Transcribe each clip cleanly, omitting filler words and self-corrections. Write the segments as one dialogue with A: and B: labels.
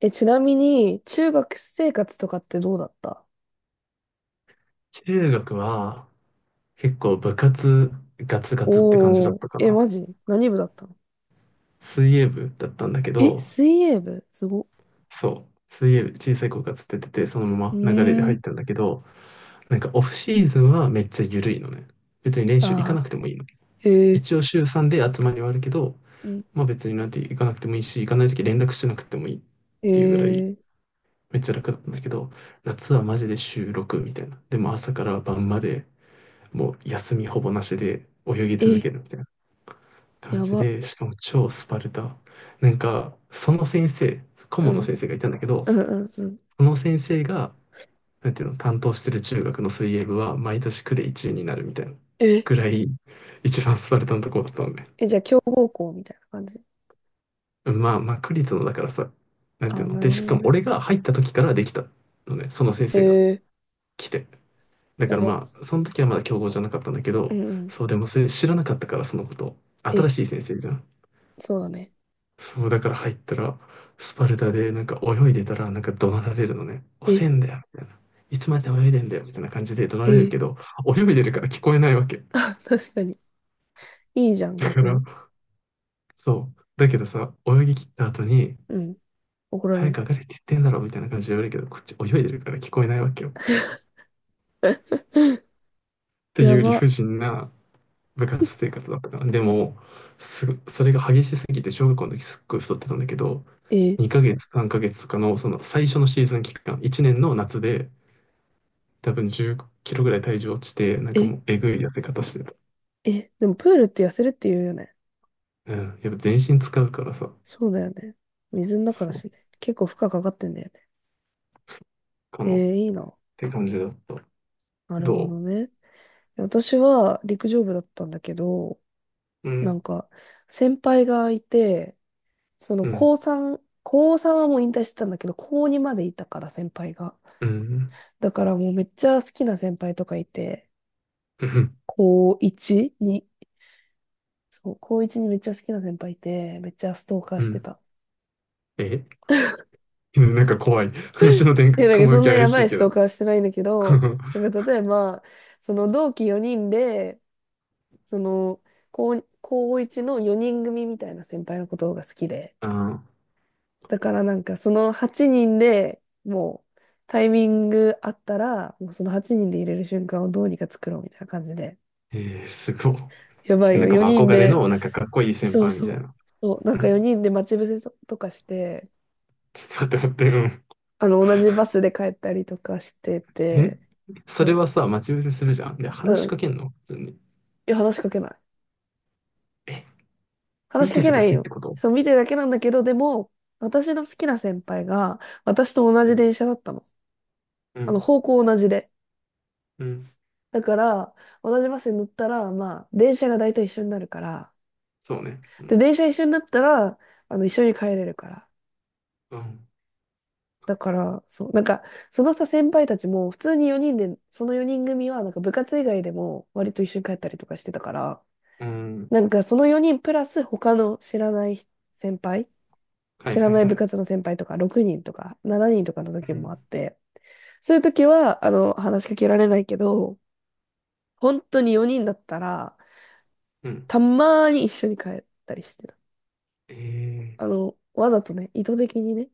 A: ちなみに、中学生活とかってどうだった？
B: 中学は結構部活ガツガツって感じだ
A: お
B: った
A: ー、
B: かな。
A: マジ何部だったの？
B: 水泳部だったんだけど、
A: 水泳部すごっ。
B: そう、水泳部小さい子がつっててて、その
A: う
B: まま流れで
A: ー
B: 入
A: ん。
B: ったんだけど、なんかオフシーズンはめっちゃ緩いのね。別に練
A: あ
B: 習行かな
A: あ、
B: くてもいいの。
A: えー、
B: 一応週3で集まりはあるけど、
A: うん。
B: まあ別になんて行かなくてもいいし、行かない時連絡しなくてもいいっ
A: え
B: ていうぐらい
A: ー、
B: めっちゃ楽だったんだけど、夏はマジで週6みたいな。でも朝から晩までもう休みほぼなしで泳ぎ続け
A: え、
B: るみたいな感
A: や
B: じ
A: ば。
B: で、しかも超スパルタ。なんか、その先生、顧
A: う
B: 問の
A: ん、
B: 先生がいたんだけど、
A: うん、うん、うん。
B: その先生が、なんていうの、担当してる中学の水泳部は毎年区で1位になるみたいな
A: え、
B: ぐらい、一番スパルタのとこだったのね。
A: え、じゃあ、強豪校みたいな感じ？
B: まあまあ、区立のだからさ、なん
A: あ
B: てい
A: ー、
B: うの。
A: なる
B: で、
A: ほ
B: し
A: ど
B: かも
A: ね。
B: 俺が入った時からできたのね、その先
A: へ
B: 生が
A: え、
B: 来て。だ
A: や
B: から
A: ば。
B: まあ、その時はまだ強豪じゃなかったんだけ
A: うん、
B: ど、
A: うん。
B: そうでもそれ知らなかったから、そのこと。
A: え、
B: 新しい先生じゃん。
A: そうだね。
B: そう、だから入ったら、スパルタで、なんか泳いでたら、なんか怒鳴られるのね。遅
A: え、
B: えんだよ、みたいな。いつまで泳いでんだよ、みたいな感じで怒鳴られる
A: え、
B: けど、泳いでるから聞こえないわけ。
A: あ、確かに。いいじゃん、
B: だか
A: 逆
B: ら、
A: に。
B: そう。だけどさ、泳ぎ切った後に、
A: うん、怒られ
B: 早く
A: ん。
B: 上がれって言ってんだろ、みたいな感じで言われるけど、こっち泳いでるから聞こえないわけよ。っ てい
A: や
B: う理
A: ば。
B: 不尽な部活生活だったから。でも、それが激しすぎて、小学校の時すっごい太ってたんだけど、
A: え、そ
B: 2ヶ
A: う。
B: 月、3ヶ月とかの、その最初のシーズン期間、1年の夏で、多分10キロぐらい体重落ちて、なんか
A: え
B: もうえぐい痩せ方してた。
A: え、でもプールって痩せるって言うよね。
B: うん。やっぱ全身使うからさ、
A: そうだよね。水の中だ
B: そ
A: し
B: う、
A: ね。結構負荷かかってんだよね。
B: そうか
A: え
B: なっ
A: ー、いいな。
B: て感じだった。
A: なるほど
B: ど
A: ね。私は陸上部だったんだけど、
B: う
A: なん
B: ん、
A: か、先輩がいて、その
B: うん、
A: 高3、高3はもう引退してたんだけど、高2までいたから先輩が。
B: うん、
A: だからもうめっちゃ好きな先輩とかいて、
B: うん、
A: 高1に、そう、高1にめっちゃ好きな先輩いて、めっちゃストーカー
B: う
A: して
B: ん。
A: た。
B: え なんか怖い。話の展
A: い
B: 開、
A: や、なんか
B: 雲
A: そ
B: 行き
A: んなや
B: 怪
A: ば
B: しい
A: いス
B: け
A: トー
B: ど。
A: カーはしてないんだけど、なんか例えば、その同期4人で、その、高1の4人組みたいな先輩のことが好きで、
B: あ
A: だからなんかその8人でもうタイミングあったら、もうその8人で入れる瞬間をどうにか作ろうみたいな感じで、
B: ー、えー、すごい。
A: やばい
B: な
A: よ、
B: んかまあ
A: 4人
B: 憧れ
A: で、
B: の、なんかかっこいい先
A: そう
B: 輩み
A: そ
B: たい
A: う、
B: な。
A: そう、な
B: う
A: んか
B: ん。
A: 4人で待ち伏せとかして、
B: ちょっと待って待って、
A: あの、同じバスで帰ったりとかして
B: うん。
A: て、
B: それ
A: そ
B: はさ、待ち伏せするじゃん。で、
A: う、
B: 話
A: う
B: し
A: ん、い
B: かけんの普通に。
A: 話しかけない。
B: え、
A: 話
B: 見
A: しか
B: て
A: け
B: る
A: な
B: だ
A: い
B: けって
A: よ。
B: こと？
A: そう、見てるだけなんだけど、でも、私の好きな先輩が、私と同
B: う
A: じ
B: ん。
A: 電車だったの。
B: う
A: あの、
B: ん。
A: 方向同じで。
B: うん
A: だから、同じバスに乗ったら、まあ、電車が大体一緒になるから。
B: そうね。う
A: で、
B: ん。
A: 電車一緒になったら、あの、一緒に帰れるから。
B: うん。
A: だから、そう、なんか、そのさ、先輩たちも、普通に4人で、その4人組は、なんか部活以外でも、割と一緒に帰ったりとかしてたから、
B: うん
A: なんか、その4人プラス他の知らない先輩、
B: はい
A: 知ら
B: はい
A: ない
B: は
A: 部
B: い。
A: 活の先輩とか6人とか7人とかの時
B: う
A: もあっ
B: ん。
A: て、そういう時は、あの、話しかけられないけど、本当に4人だったら、
B: うん。
A: たまーに一緒に帰ったりしてた。
B: え
A: あ
B: え
A: の、わざとね、意図的にね。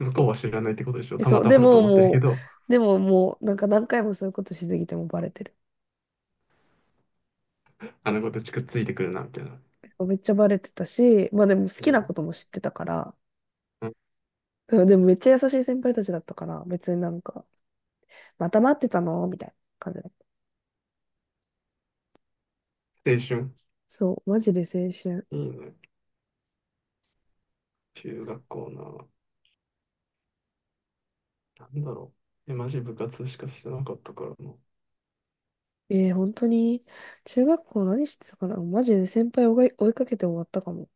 B: ー、向こうは知らないってことでしょ？
A: え
B: た
A: そ
B: ま
A: う、
B: た
A: で
B: まだと
A: も
B: 思ってるけ
A: もう、
B: ど、
A: でももう、なんか何回もそういうことしすぎてもバレてる。
B: あの子たちくっついてくるな、みたいな。
A: めっちゃバレてたし、まあでも好
B: う
A: きなこ
B: ん
A: とも知ってたから、
B: うん
A: うん。でもめっちゃ優しい先輩たちだったから、別になんか、また待ってたのみたいな感じだった。
B: 青春。
A: そう、マジで青春。
B: いいね。中学校な。なんだろう。え、マジ部活しかしてなかったからな。
A: えー、本当に、中学校何してたかな、マジで先輩を追いかけて終わったかも。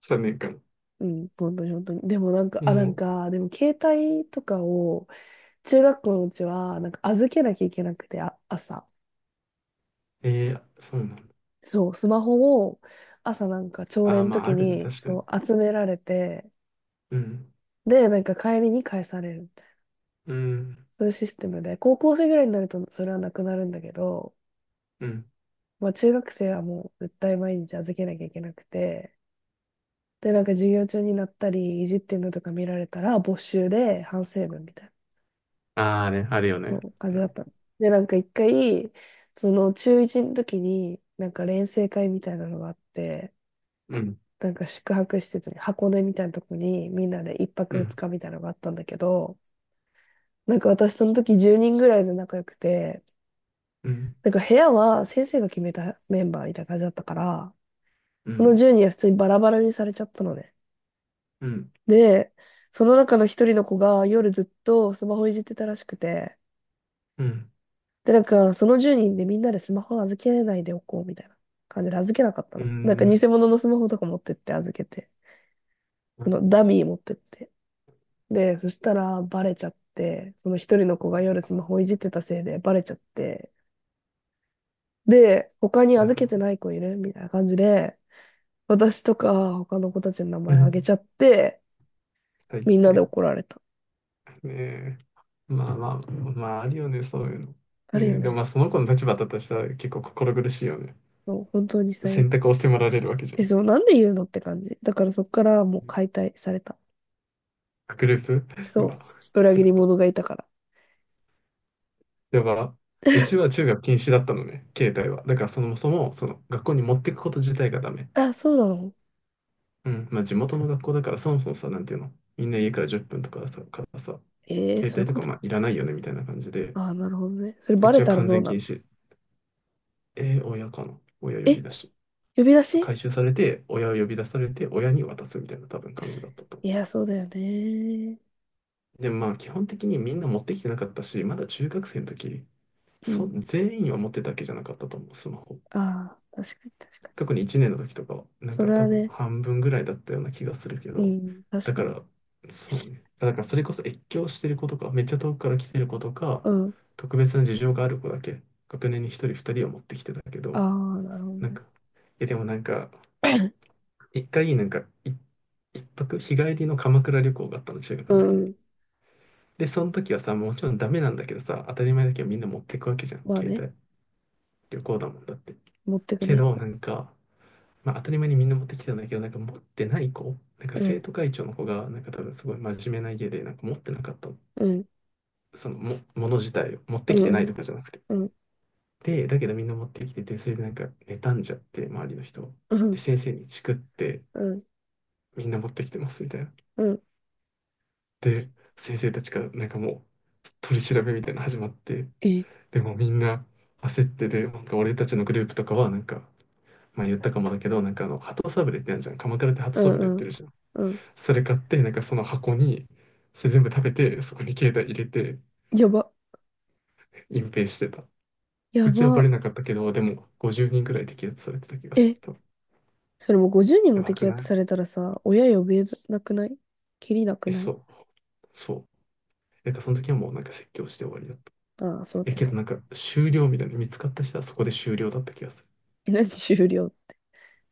B: 3年間。
A: うん、本当に本当に。でもなんか、あ、な
B: も
A: ん
B: う、
A: か、でも携帯とかを、中学校のうちは、なんか預けなきゃいけなくて、あ、朝。
B: えー、そうなんだ。
A: そう、スマホを、朝なんか朝
B: あ
A: 礼
B: あ、
A: の
B: まあ、
A: 時
B: あるね。
A: に、
B: 確かに。
A: そう、集められて、
B: うん。
A: で、なんか帰りに返されるみたいな。
B: うん。
A: そういうシステムで、高校生ぐらいになるとそれはなくなるんだけど、
B: うん。
A: まあ中学生はもう絶対毎日預けなきゃいけなくて、で、なんか授業中になったり、いじってるのとか見られたら、没収で反省文みたいな、
B: ああね、あるよ
A: そ
B: ね。
A: う、感
B: う
A: じだっ
B: ん。
A: たの。で、なんか一回、その中1の時に、なんか錬成会みたいなのがあって、
B: うん。
A: なんか宿泊施設に、箱根みたいなとこに、みんなで一
B: う
A: 泊二
B: ん。
A: 日みたいなのがあったんだけど、なんか私その時10人ぐらいで仲良くて、
B: うん。
A: なんか部屋は先生が決めたメンバーみたいな感じだったから、
B: う
A: その
B: ん。
A: 10人は普通にバラバラにされちゃったのね。
B: うん。
A: で、その中の一人の子が夜ずっとスマホいじってたらしくて、
B: う
A: で、なんかその10人でみんなでスマホ預けないでおこうみたいな感じで預けなかったの。
B: ん。
A: なんか偽物のスマホとか持ってって預けて、
B: う
A: そ
B: ん。
A: のダミー持ってって。で、そしたらバレちゃって、その一人の子が夜スマホいじってたせいでバレちゃって、で、他 に
B: い
A: 預けて
B: や
A: ない子いるみたいな感じで、私とか他の子たちの名
B: う
A: 前あげち
B: ん
A: ゃって、
B: 入っ
A: みんなで
B: て、
A: 怒られた。
B: ねえ、まあまあ、まああるよね、そういうの。
A: あるよ
B: ねえ、でも
A: ね。
B: まあその子の立場だとしたら結構心苦しいよね。
A: そう、本当に最
B: 選
A: 悪。
B: 択を迫られるわけじゃ
A: え、
B: ん。
A: そう、なんで言うのって感じ。だからそっからもう解体された。
B: グループ う
A: そう、
B: わ、
A: 裏
B: つ
A: 切り者がいたから。
B: やば。うちは中学禁止だったのね、携帯は。だからそもそも、その学校に持ってくこと自体がダメ。
A: あ、そうなの？
B: うん、まあ地元の学校だからそもそもさ、なんていうの、みんな家から10分とかさ、からさ、
A: えー、
B: 携
A: そういう
B: 帯と
A: こ
B: か
A: と。
B: まあいらないよねみたいな感じで、
A: あー、なるほどね。それ
B: う
A: バ
B: ち
A: レ
B: は
A: たら
B: 完
A: どう
B: 全
A: な
B: 禁
A: の？
B: 止。親かな親呼
A: え、
B: び出し。
A: 呼び出し？
B: 回収されて、親を呼び出されて、親に渡すみたいな多分感じだったと。
A: いや、そうだよね。
B: で、まあ基本的にみんな持ってきてなかったし、まだ中学生の時、
A: うん。
B: 全員は持ってたわけじゃなかったと思う、スマホ。
A: ああ、確かに確かに。
B: 特に1年の時とかは、なん
A: そ
B: か
A: れ
B: 多
A: は
B: 分
A: ね、
B: 半分ぐらいだったような気がするけ
A: う
B: ど、
A: ん、確
B: だ
A: か
B: か
A: に。
B: ら、そうね。だからそれこそ越境してる子とか、めっちゃ遠くから来てる子とか、
A: うん。
B: 特別な事情がある子だけ、学年に一人二人を持ってきてたけ
A: あ
B: ど、
A: あ、なるほど
B: なん
A: ね。
B: か、いやでもなんか、一回、なんか、一泊、日帰りの鎌倉旅行があったの、中
A: う
B: 学の
A: ん
B: 時
A: う
B: に。
A: ん。
B: で、その時はさ、もちろんダメなんだけどさ、当たり前だけどみんな持ってくわけじゃん。
A: まあ
B: 携
A: ね、
B: 帯、旅行だもんだって。
A: 持ってく
B: け
A: ね。
B: ど、
A: そ
B: なんか、まあ当たり前にみんな持ってきてたんだけど、なんか持ってない子、なんか
A: う、ん、
B: 生徒会長の子が、なんか多分すごい真面目な家で、なんか持ってなかったの、
A: うん、
B: もの自体を持っ
A: う
B: てきてな
A: ん、
B: い
A: うん、
B: とかじゃなくて。
A: うん、
B: で、だけどみんな持ってきてて、それでなんか妬んじゃって、周りの人を。
A: う
B: で、
A: ん、
B: 先生にチクって、
A: うん、
B: みんな持ってきてますみたいな。
A: うん。
B: で、先生たちからなんかもう取り調べみたいなの始まって、
A: え、
B: でもみんな焦ってで、なんか俺たちのグループとかはなんか、まあ言ったかもだけど、なんかあの、鳩サブレーってあるじゃん。鎌倉って鳩
A: う
B: サ
A: ん、
B: ブレー売っ
A: う
B: て
A: ん、
B: るじゃん。
A: うん。
B: それ買って、なんかその箱に、それ全部食べて、そこに携帯入れて、
A: やば、
B: 隠蔽してた。
A: や
B: うちはバレ
A: ば。
B: なかったけど、でも50人くらい摘発されてた気がする。
A: え、
B: 多分
A: それもう50人も
B: やば
A: 摘
B: くな
A: 発
B: い？
A: されたらさ、親呼べなくない？きりなく
B: え、
A: ない？
B: そう。そう。その時はもうなんか説教して終わりだった。
A: ああ、そう
B: え、
A: だよ
B: けど
A: ね。
B: なんか終了みたいな、見つかった人はそこで終了だった気がする。
A: え、何終了？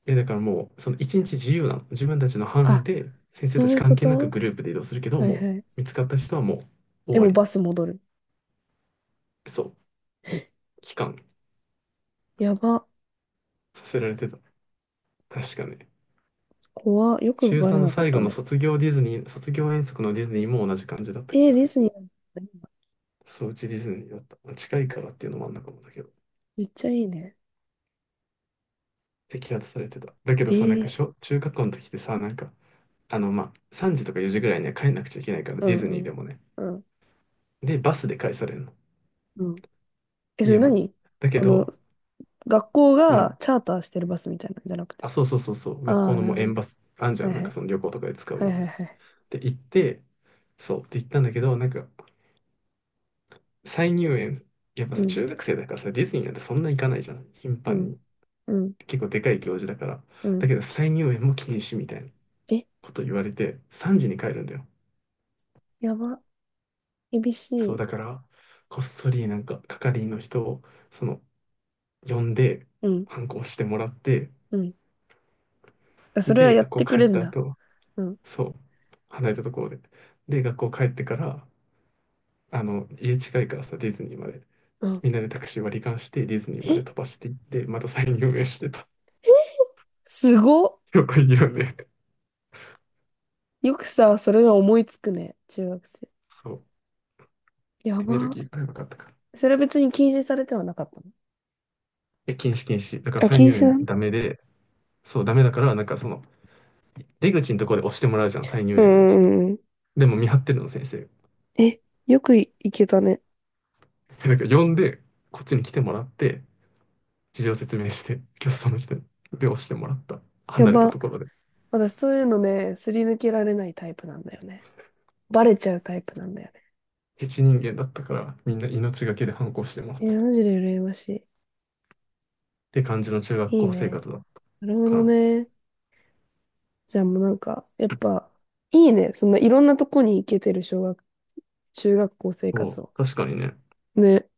B: え、だからもう、その一日自由なの。自分たちの班
A: あ、
B: で、先生
A: そ
B: た
A: う
B: ち
A: いう
B: 関
A: こ
B: 係なく
A: と。
B: グループで移動するけど、
A: はい
B: もう、
A: はい。
B: 見つかった人はもう、終
A: で
B: わ
A: も
B: り。
A: バス戻る。
B: そう、帰還
A: やば。
B: させられてた。確かね。
A: 怖。よ
B: 中
A: くバレ
B: 3の
A: なかっ
B: 最後
A: た
B: の
A: ね。
B: 卒業ディズニー、卒業遠足のディズニーも同じ感じだった気
A: えー、
B: が
A: ディ
B: する。
A: ズニーなんだね。
B: そう、うちディズニーだった。まあ近いからっていうのもあんのかもだけど、
A: めっちゃいいね。
B: 摘発されてた。だけど
A: え
B: さ、なんか
A: ー、
B: 小、中学校の時ってさ、なんか、あの、まあ、3時とか4時ぐらいには帰んなくちゃいけないから、
A: う
B: ディ
A: ん
B: ズ
A: う
B: ニーで
A: ん。
B: もね。
A: うん
B: で、バスで帰されるの。
A: うん。え、それ
B: 家まで。
A: 何？
B: だけ
A: あの、
B: ど、
A: 学校
B: う
A: が
B: ん。
A: チャーターしてるバスみたいなんじゃなくて。
B: あ、そうそうそうそう、
A: あ
B: 学校
A: あ、
B: の
A: な
B: も
A: る
B: う
A: ほ
B: 園
A: ど。
B: バス、あんじゃ
A: はい
B: ん、
A: は
B: なんか
A: い。
B: その旅行とかで使う
A: は
B: よ
A: い
B: う
A: は
B: な
A: い
B: やつ。
A: はい。
B: で、行って、そう、で行ったんだけど、なんか、再入園、やっぱ
A: う
B: さ、
A: ん、
B: 中学生だからさ、ディズニーなんてそんな行かないじゃん、頻
A: う
B: 繁
A: ん、
B: に。
A: うん、
B: 結構でかい行事だから。
A: うん。
B: だけど、再入園も禁止みたいな
A: え、
B: こと言われて、3時に帰るんだよ。
A: やば。厳し
B: そう、
A: い。
B: だから、こっそりなんか、係員の人を、その、呼んで、
A: うん、
B: 反抗してもらって、
A: うん。あ、それは
B: で、
A: やっ
B: 学校
A: てく
B: 帰っ
A: れん
B: た
A: だ。
B: 後、
A: うん、
B: そう、離れたところで。で、学校帰ってから、あの、家近いからさ、ディズニーまで。
A: うん。
B: みんなでタクシー割り勘して、ディズニーまで
A: え、
B: 飛ばしていって、また再入園してた。
A: すごっ。
B: よく言うよね。
A: よくさ、それが思いつくね、中学生。
B: そう。
A: や
B: エネル
A: ば。
B: ギーがやばかったから。
A: それは別に禁止されてはなかったの？
B: え、禁止禁止。だから
A: あ、
B: 再
A: 禁
B: 入
A: 止な
B: 園
A: ん？
B: ダメで、そう、ダメだから、なんかその、出口のところで押してもらうじゃん、再
A: う
B: 入園のや
A: ん
B: つって。
A: うんうん。
B: でも見張ってるの、先生。
A: え、よくい、いけたね。
B: でなんか呼んで、こっちに来てもらって、事情説明して、キャストの人に。で、押してもらった。
A: や
B: 離れたと
A: ば。
B: ころで。
A: 私そういうのね、すり抜けられないタイプなんだよね。バレちゃうタイプなんだよね。
B: ヘチ人間だったから、みんな命がけで反抗してもらった。
A: え、
B: っ
A: マジで羨まし
B: て感じの中学
A: い。いい
B: 校生
A: ね。
B: 活だっ
A: なるほ
B: たか
A: ど
B: な。
A: ね。じゃあもうなんか、やっぱ、いいね。そんないろんなとこに行けてる中学校生
B: そ
A: 活
B: う、
A: を。
B: 確かにね。
A: ね。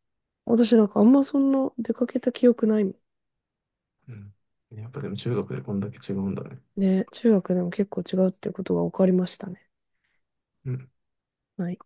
A: 私なんかあんまそんな出かけた記憶ないもん。
B: うん。やっぱでも中学でこんだけ違うんだね。
A: ね。中学でも結構違うってことが分かりましたね。
B: うん
A: はい。